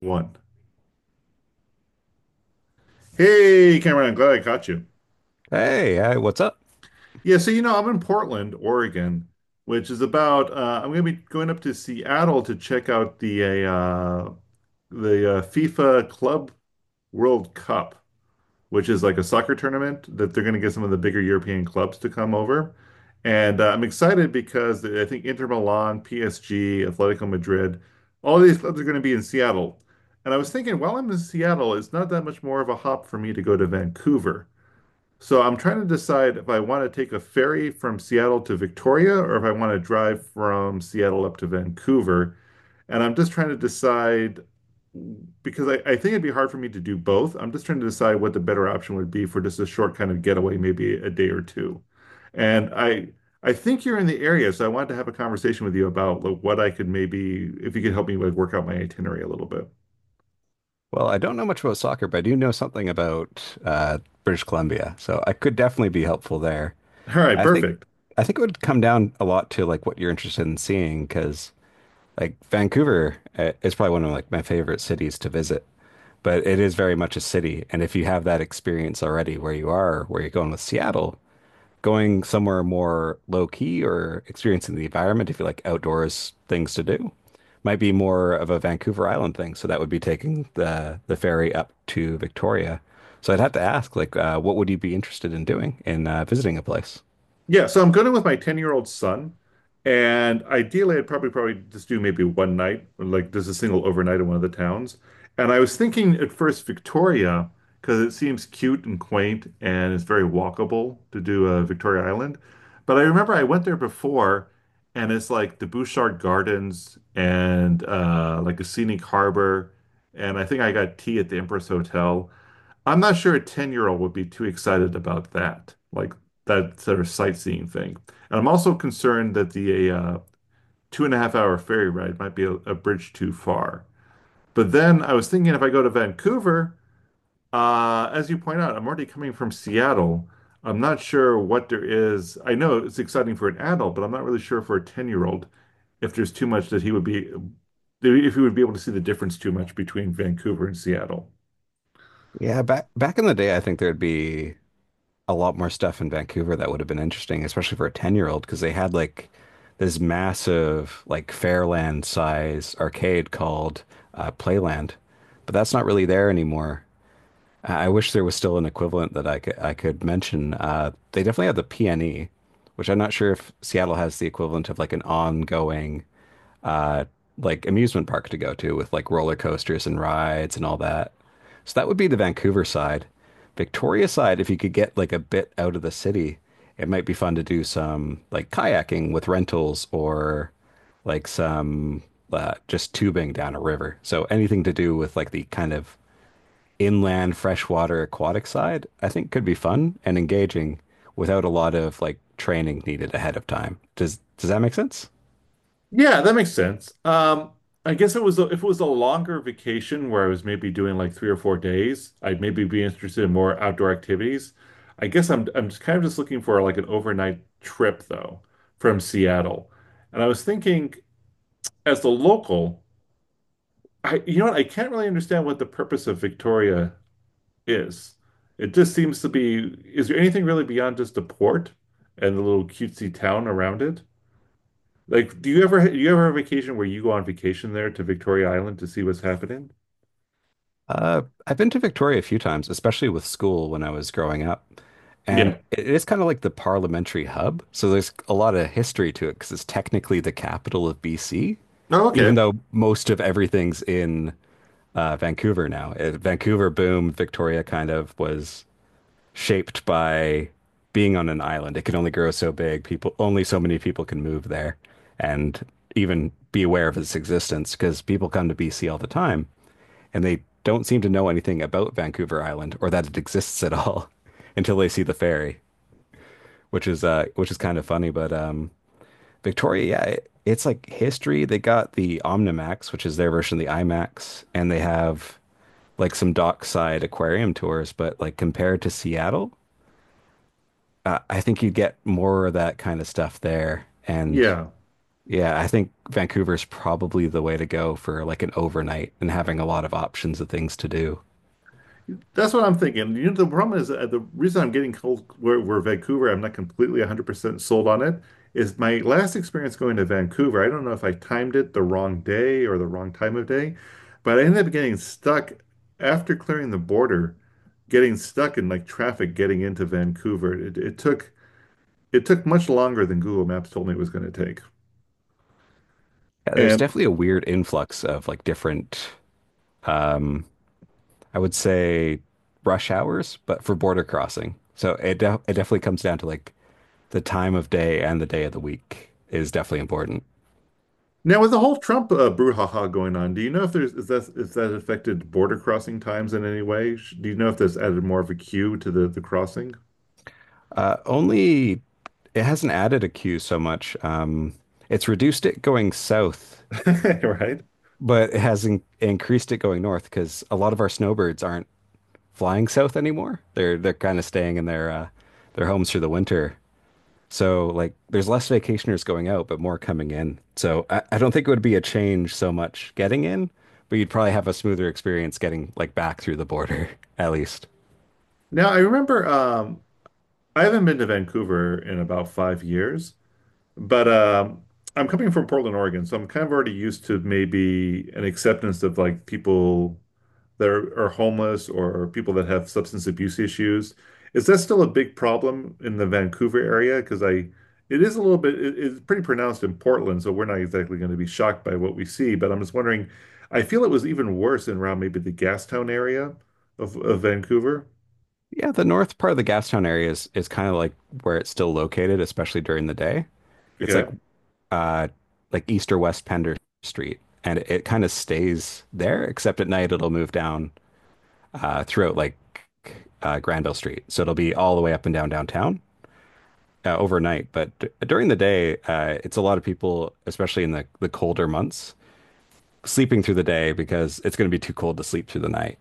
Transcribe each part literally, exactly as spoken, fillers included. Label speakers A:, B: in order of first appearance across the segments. A: One. Hey, Cameron, I'm glad I caught you.
B: Hey, hey, what's up?
A: Yeah, so you know, I'm in Portland, Oregon, which is about uh, I'm going to be going up to Seattle to check out the uh, the uh, FIFA Club World Cup, which is like a soccer tournament that they're going to get some of the bigger European clubs to come over. And uh, I'm excited because I think Inter Milan, P S G, Atletico Madrid, all these clubs are going to be in Seattle. And I was thinking, while I'm in Seattle, it's not that much more of a hop for me to go to Vancouver. So I'm trying to decide if I want to take a ferry from Seattle to Victoria or if I want to drive from Seattle up to Vancouver. And I'm just trying to decide because I, I think it'd be hard for me to do both. I'm just trying to decide what the better option would be for just a short kind of getaway, maybe a day or two. And I I think you're in the area, so I wanted to have a conversation with you about like, what I could maybe if you could help me like work out my itinerary a little bit.
B: Well, I don't know much about soccer, but I do know something about uh, British Columbia, so I could definitely be helpful there.
A: All right,
B: I think
A: perfect.
B: I think it would come down a lot to like what you're interested in seeing, because like Vancouver uh, is probably one of like my favorite cities to visit, but it is very much a city, and if you have that experience already where you are, where you're going with Seattle, going somewhere more low key or experiencing the environment if you like outdoors things to do. Might be more of a Vancouver Island thing, so that would be taking the the ferry up to Victoria. So I'd have to ask, like, uh, what would you be interested in doing in uh, visiting a place?
A: Yeah, so I'm going with my ten-year-old son, and ideally I'd probably probably just do maybe one night, or, like just a single overnight in one of the towns. And I was thinking at first Victoria, because it seems cute and quaint and it's very walkable to do uh, Victoria Island. But I remember I went there before, and it's like the Bouchard Gardens and uh, like a scenic harbor. And I think I got tea at the Empress Hotel. I'm not sure a ten-year-old would be too excited about that, like that sort of sightseeing thing. And I'm also concerned that the uh, two and a half hour ferry ride might be a, a bridge too far. But then I was thinking if I go to Vancouver, uh, as you point out, I'm already coming from Seattle. I'm not sure what there is. I know it's exciting for an adult, but I'm not really sure for a ten-year-old if there's too much that he would be, if he would be able to see the difference too much between Vancouver and Seattle.
B: Yeah, back back in the day, I think there'd be a lot more stuff in Vancouver that would have been interesting, especially for a ten-year-old, because they had like this massive, like Fairland size arcade called uh, Playland, but that's not really there anymore. I wish there was still an equivalent that I could I could mention. Uh, they definitely have the P N E, which I'm not sure if Seattle has the equivalent of like an ongoing uh, like amusement park to go to with like roller coasters and rides and all that. So that would be the Vancouver side. Victoria side, if you could get like a bit out of the city, it might be fun to do some like kayaking with rentals or like some uh, just tubing down a river. So anything to do with like the kind of inland freshwater aquatic side, I think could be fun and engaging without a lot of like training needed ahead of time. Does does that make sense?
A: Yeah, that makes sense. Um, I guess it was a, if it was a longer vacation where I was maybe doing like three or four days, I'd maybe be interested in more outdoor activities. I guess I'm I'm just kind of just looking for like an overnight trip though from Seattle. And I was thinking as a local, I you know what, I can't really understand what the purpose of Victoria is. It just seems to be, is there anything really beyond just the port and the little cutesy town around it? Like, do you ever do you ever have a vacation where you go on vacation there to Victoria Island to see what's happening?
B: Uh, I've been to Victoria a few times, especially with school when I was growing up. And
A: Yeah.
B: it is kind of like the parliamentary hub. So there's a lot of history to it because it's technically the capital of B C,
A: Oh,
B: even
A: okay.
B: though most of everything's in uh, Vancouver now. Uh, Vancouver boom, Victoria kind of was shaped by being on an island. It can only grow so big. People, only so many people can move there and even be aware of its existence because people come to B C all the time and they don't seem to know anything about Vancouver Island or that it exists at all until they see the ferry, which is uh which is kind of funny, but um Victoria, yeah, it, it's like history. They got the Omnimax, which is their version of the IMAX, and they have like some dockside aquarium tours, but like compared to Seattle, I think you get more of that kind of stuff there. And
A: Yeah.
B: yeah, I think Vancouver's probably the way to go for like an overnight and having a lot of options of things to do.
A: That's what I'm thinking. You know, the problem is uh, the reason I'm getting cold where, where Vancouver, I'm not completely one hundred percent sold on it, is my last experience going to Vancouver. I don't know if I timed it the wrong day or the wrong time of day, but I ended up getting stuck after clearing the border, getting stuck in like traffic getting into Vancouver. It, it took it took much longer than Google Maps told me it was going to take.
B: Yeah, there's
A: And
B: definitely a weird influx of like different, I would say, rush hours, but for border crossing. So it de it definitely comes down to like the time of day and the day of the week is definitely important.
A: now, with the whole Trump uh, brouhaha going on, do you know if there's is that is that affected border crossing times in any way? Sh- Do you know if that's added more of a queue to the the crossing?
B: Uh, only it hasn't added a queue so much. Um, it's reduced it going south,
A: Right?
B: but it has in increased it going north because a lot of our snowbirds aren't flying south anymore. They're they're kind of staying in their uh, their homes through the winter. So like there's less vacationers going out, but more coming in. So I, I don't think it would be a change so much getting in, but you'd probably have a smoother experience getting like back through the border at least.
A: Now, I remember um, I haven't been to Vancouver in about five years, but um, I'm coming from Portland, Oregon, so I'm kind of already used to maybe an acceptance of like people. That are, are homeless or people that have substance abuse issues. Is that still a big problem in the Vancouver area? Because I, it is a little bit, it- it's pretty pronounced in Portland, so we're not exactly going to be shocked by what we see. But I'm just wondering, I feel it was even worse in around maybe the Gastown area of, of Vancouver.
B: Yeah, the north part of the Gastown area is is kind of like where it's still located, especially during the day. It's like
A: Okay.
B: uh, like east or west Pender Street, and it, it kind of stays there, except at night it'll move down uh, throughout like uh, Granville Street. So it'll be all the way up and down downtown uh, overnight. But d- during the day, uh, it's a lot of people, especially in the, the colder months, sleeping through the day because it's going to be too cold to sleep through the night.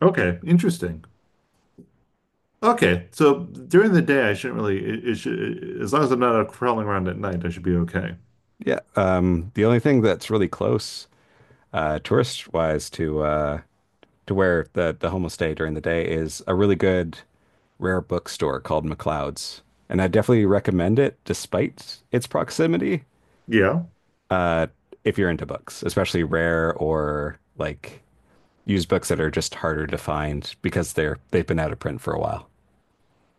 A: Okay. Interesting. Okay. So during the day, I shouldn't really, it, it should, as long as I'm not out prowling around at night, I should be okay.
B: Yeah. Um, the only thing that's really close, uh, tourist wise, to uh, to where the the homestay during the day is a really good rare bookstore called McLeod's, and I definitely recommend it despite its proximity
A: Yeah.
B: if you're into books, especially rare or like used books that are just harder to find because they're they've been out of print for a while.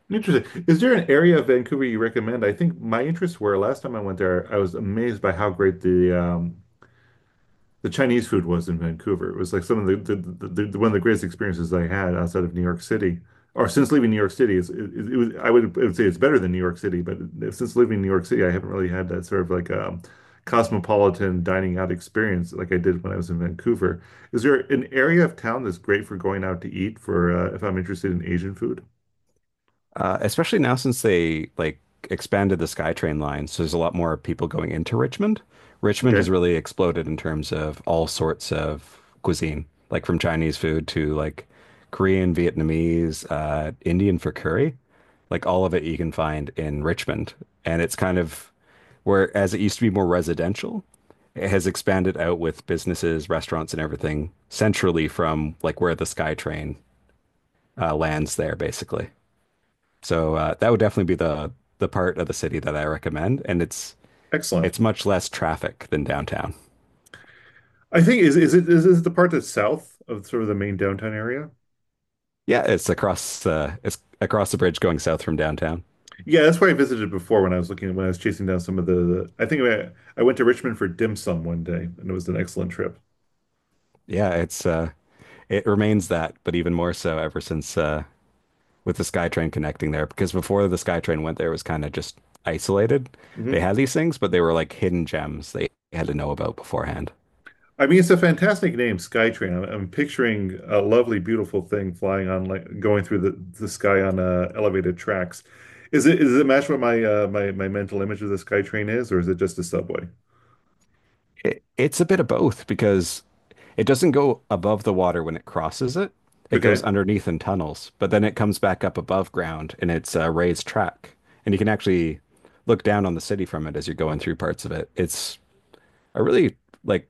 A: Interesting. Is there an area of Vancouver you recommend? I think my interests were last time I went there, I was amazed by how great the um, the Chinese food was in Vancouver. It was like some of the, the, the, the one of the greatest experiences I had outside of New York City, or since leaving New York City. It's, it, it was I would I would say it's better than New York City, but since leaving New York City, I haven't really had that sort of like um, cosmopolitan dining out experience like I did when I was in Vancouver. Is there an area of town that's great for going out to eat for uh, if I'm interested in Asian food?
B: Uh, especially now since they like expanded the SkyTrain line, so there's a lot more people going into Richmond. Richmond has
A: Okay.
B: really exploded in terms of all sorts of cuisine, like from Chinese food to like Korean, Vietnamese, uh, Indian for curry. Like all of it you can find in Richmond. And it's kind of where, as it used to be more residential, it has expanded out with businesses, restaurants, and everything centrally from like where the SkyTrain uh, lands there, basically. So uh, that would definitely be the the part of the city that I recommend, and it's
A: Excellent.
B: it's much less traffic than downtown.
A: I think is is it is this the part that's south of sort of the main downtown area?
B: Yeah, it's across uh, it's across the bridge going south from downtown.
A: Yeah, that's where I visited before when I was looking when I was chasing down some of the. I think I, I went to Richmond for dim sum one day, and it was an excellent trip.
B: Yeah, it's uh, it remains that, but even more so ever since uh, with the SkyTrain connecting there. Because before the SkyTrain went there, it was kind of just isolated. They
A: Hmm.
B: had these things, but they were like hidden gems they had to know about beforehand.
A: I mean, it's a fantastic name, Skytrain. I'm, I'm picturing a lovely, beautiful thing flying on like going through the, the sky on uh, elevated tracks. Is it is it match what my uh, my my mental image of the Skytrain is, or is it just a subway?
B: It, it's a bit of both because it doesn't go above the water when it crosses it. It goes
A: Okay.
B: underneath in tunnels, but then it comes back up above ground and it's a raised track. And you can actually look down on the city from it as you're going through parts of it. It's a really like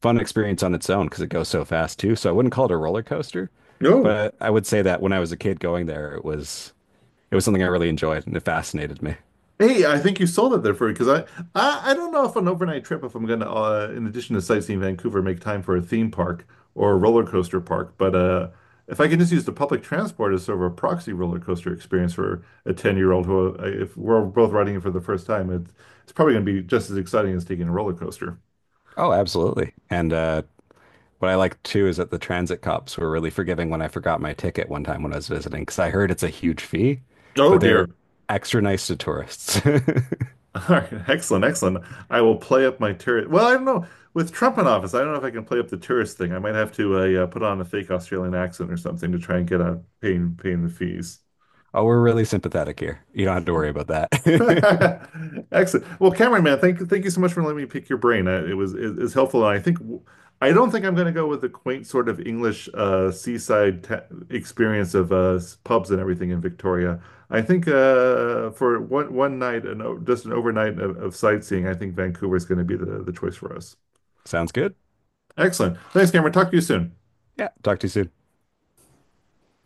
B: fun experience on its own because it goes so fast too. So I wouldn't call it a roller coaster,
A: No.
B: but I would say that when I was a kid going there, it was it was something I really enjoyed and it fascinated me.
A: Hey, I think you sold it there for because I, I I don't know if an overnight trip if I'm gonna uh, in addition to sightseeing Vancouver make time for a theme park or a roller coaster park, but uh if I can just use the public transport as sort of a proxy roller coaster experience for a ten-year-old who uh, if we're both riding it for the first time, it's it's probably gonna be just as exciting as taking a roller coaster.
B: Oh, absolutely. And uh What I like too is that the transit cops were really forgiving when I forgot my ticket one time when I was visiting, because I heard it's a huge fee,
A: Oh
B: but
A: dear.
B: they're extra nice to tourists.
A: All right, excellent, excellent. I will play up my tourist. Well, I don't know. With Trump in office, I don't know if I can play up the tourist thing. I might have to uh, yeah, put on a fake Australian accent or something to try and get out paying paying the fees.
B: Oh, we're really sympathetic here. You don't have to worry about that.
A: Excellent. Well, Cameron, man, thank thank you so much for letting me pick your brain. Uh, It was it, it's helpful. I think I don't think I'm going to go with the quaint sort of English uh, seaside ta experience of uh, pubs and everything in Victoria. I think uh, for one one night and o- just an overnight of, of sightseeing, I think Vancouver is going to be the, the choice for us.
B: Sounds good.
A: Excellent. Thanks, Cameron. Talk to you soon.
B: Yeah, talk to you soon.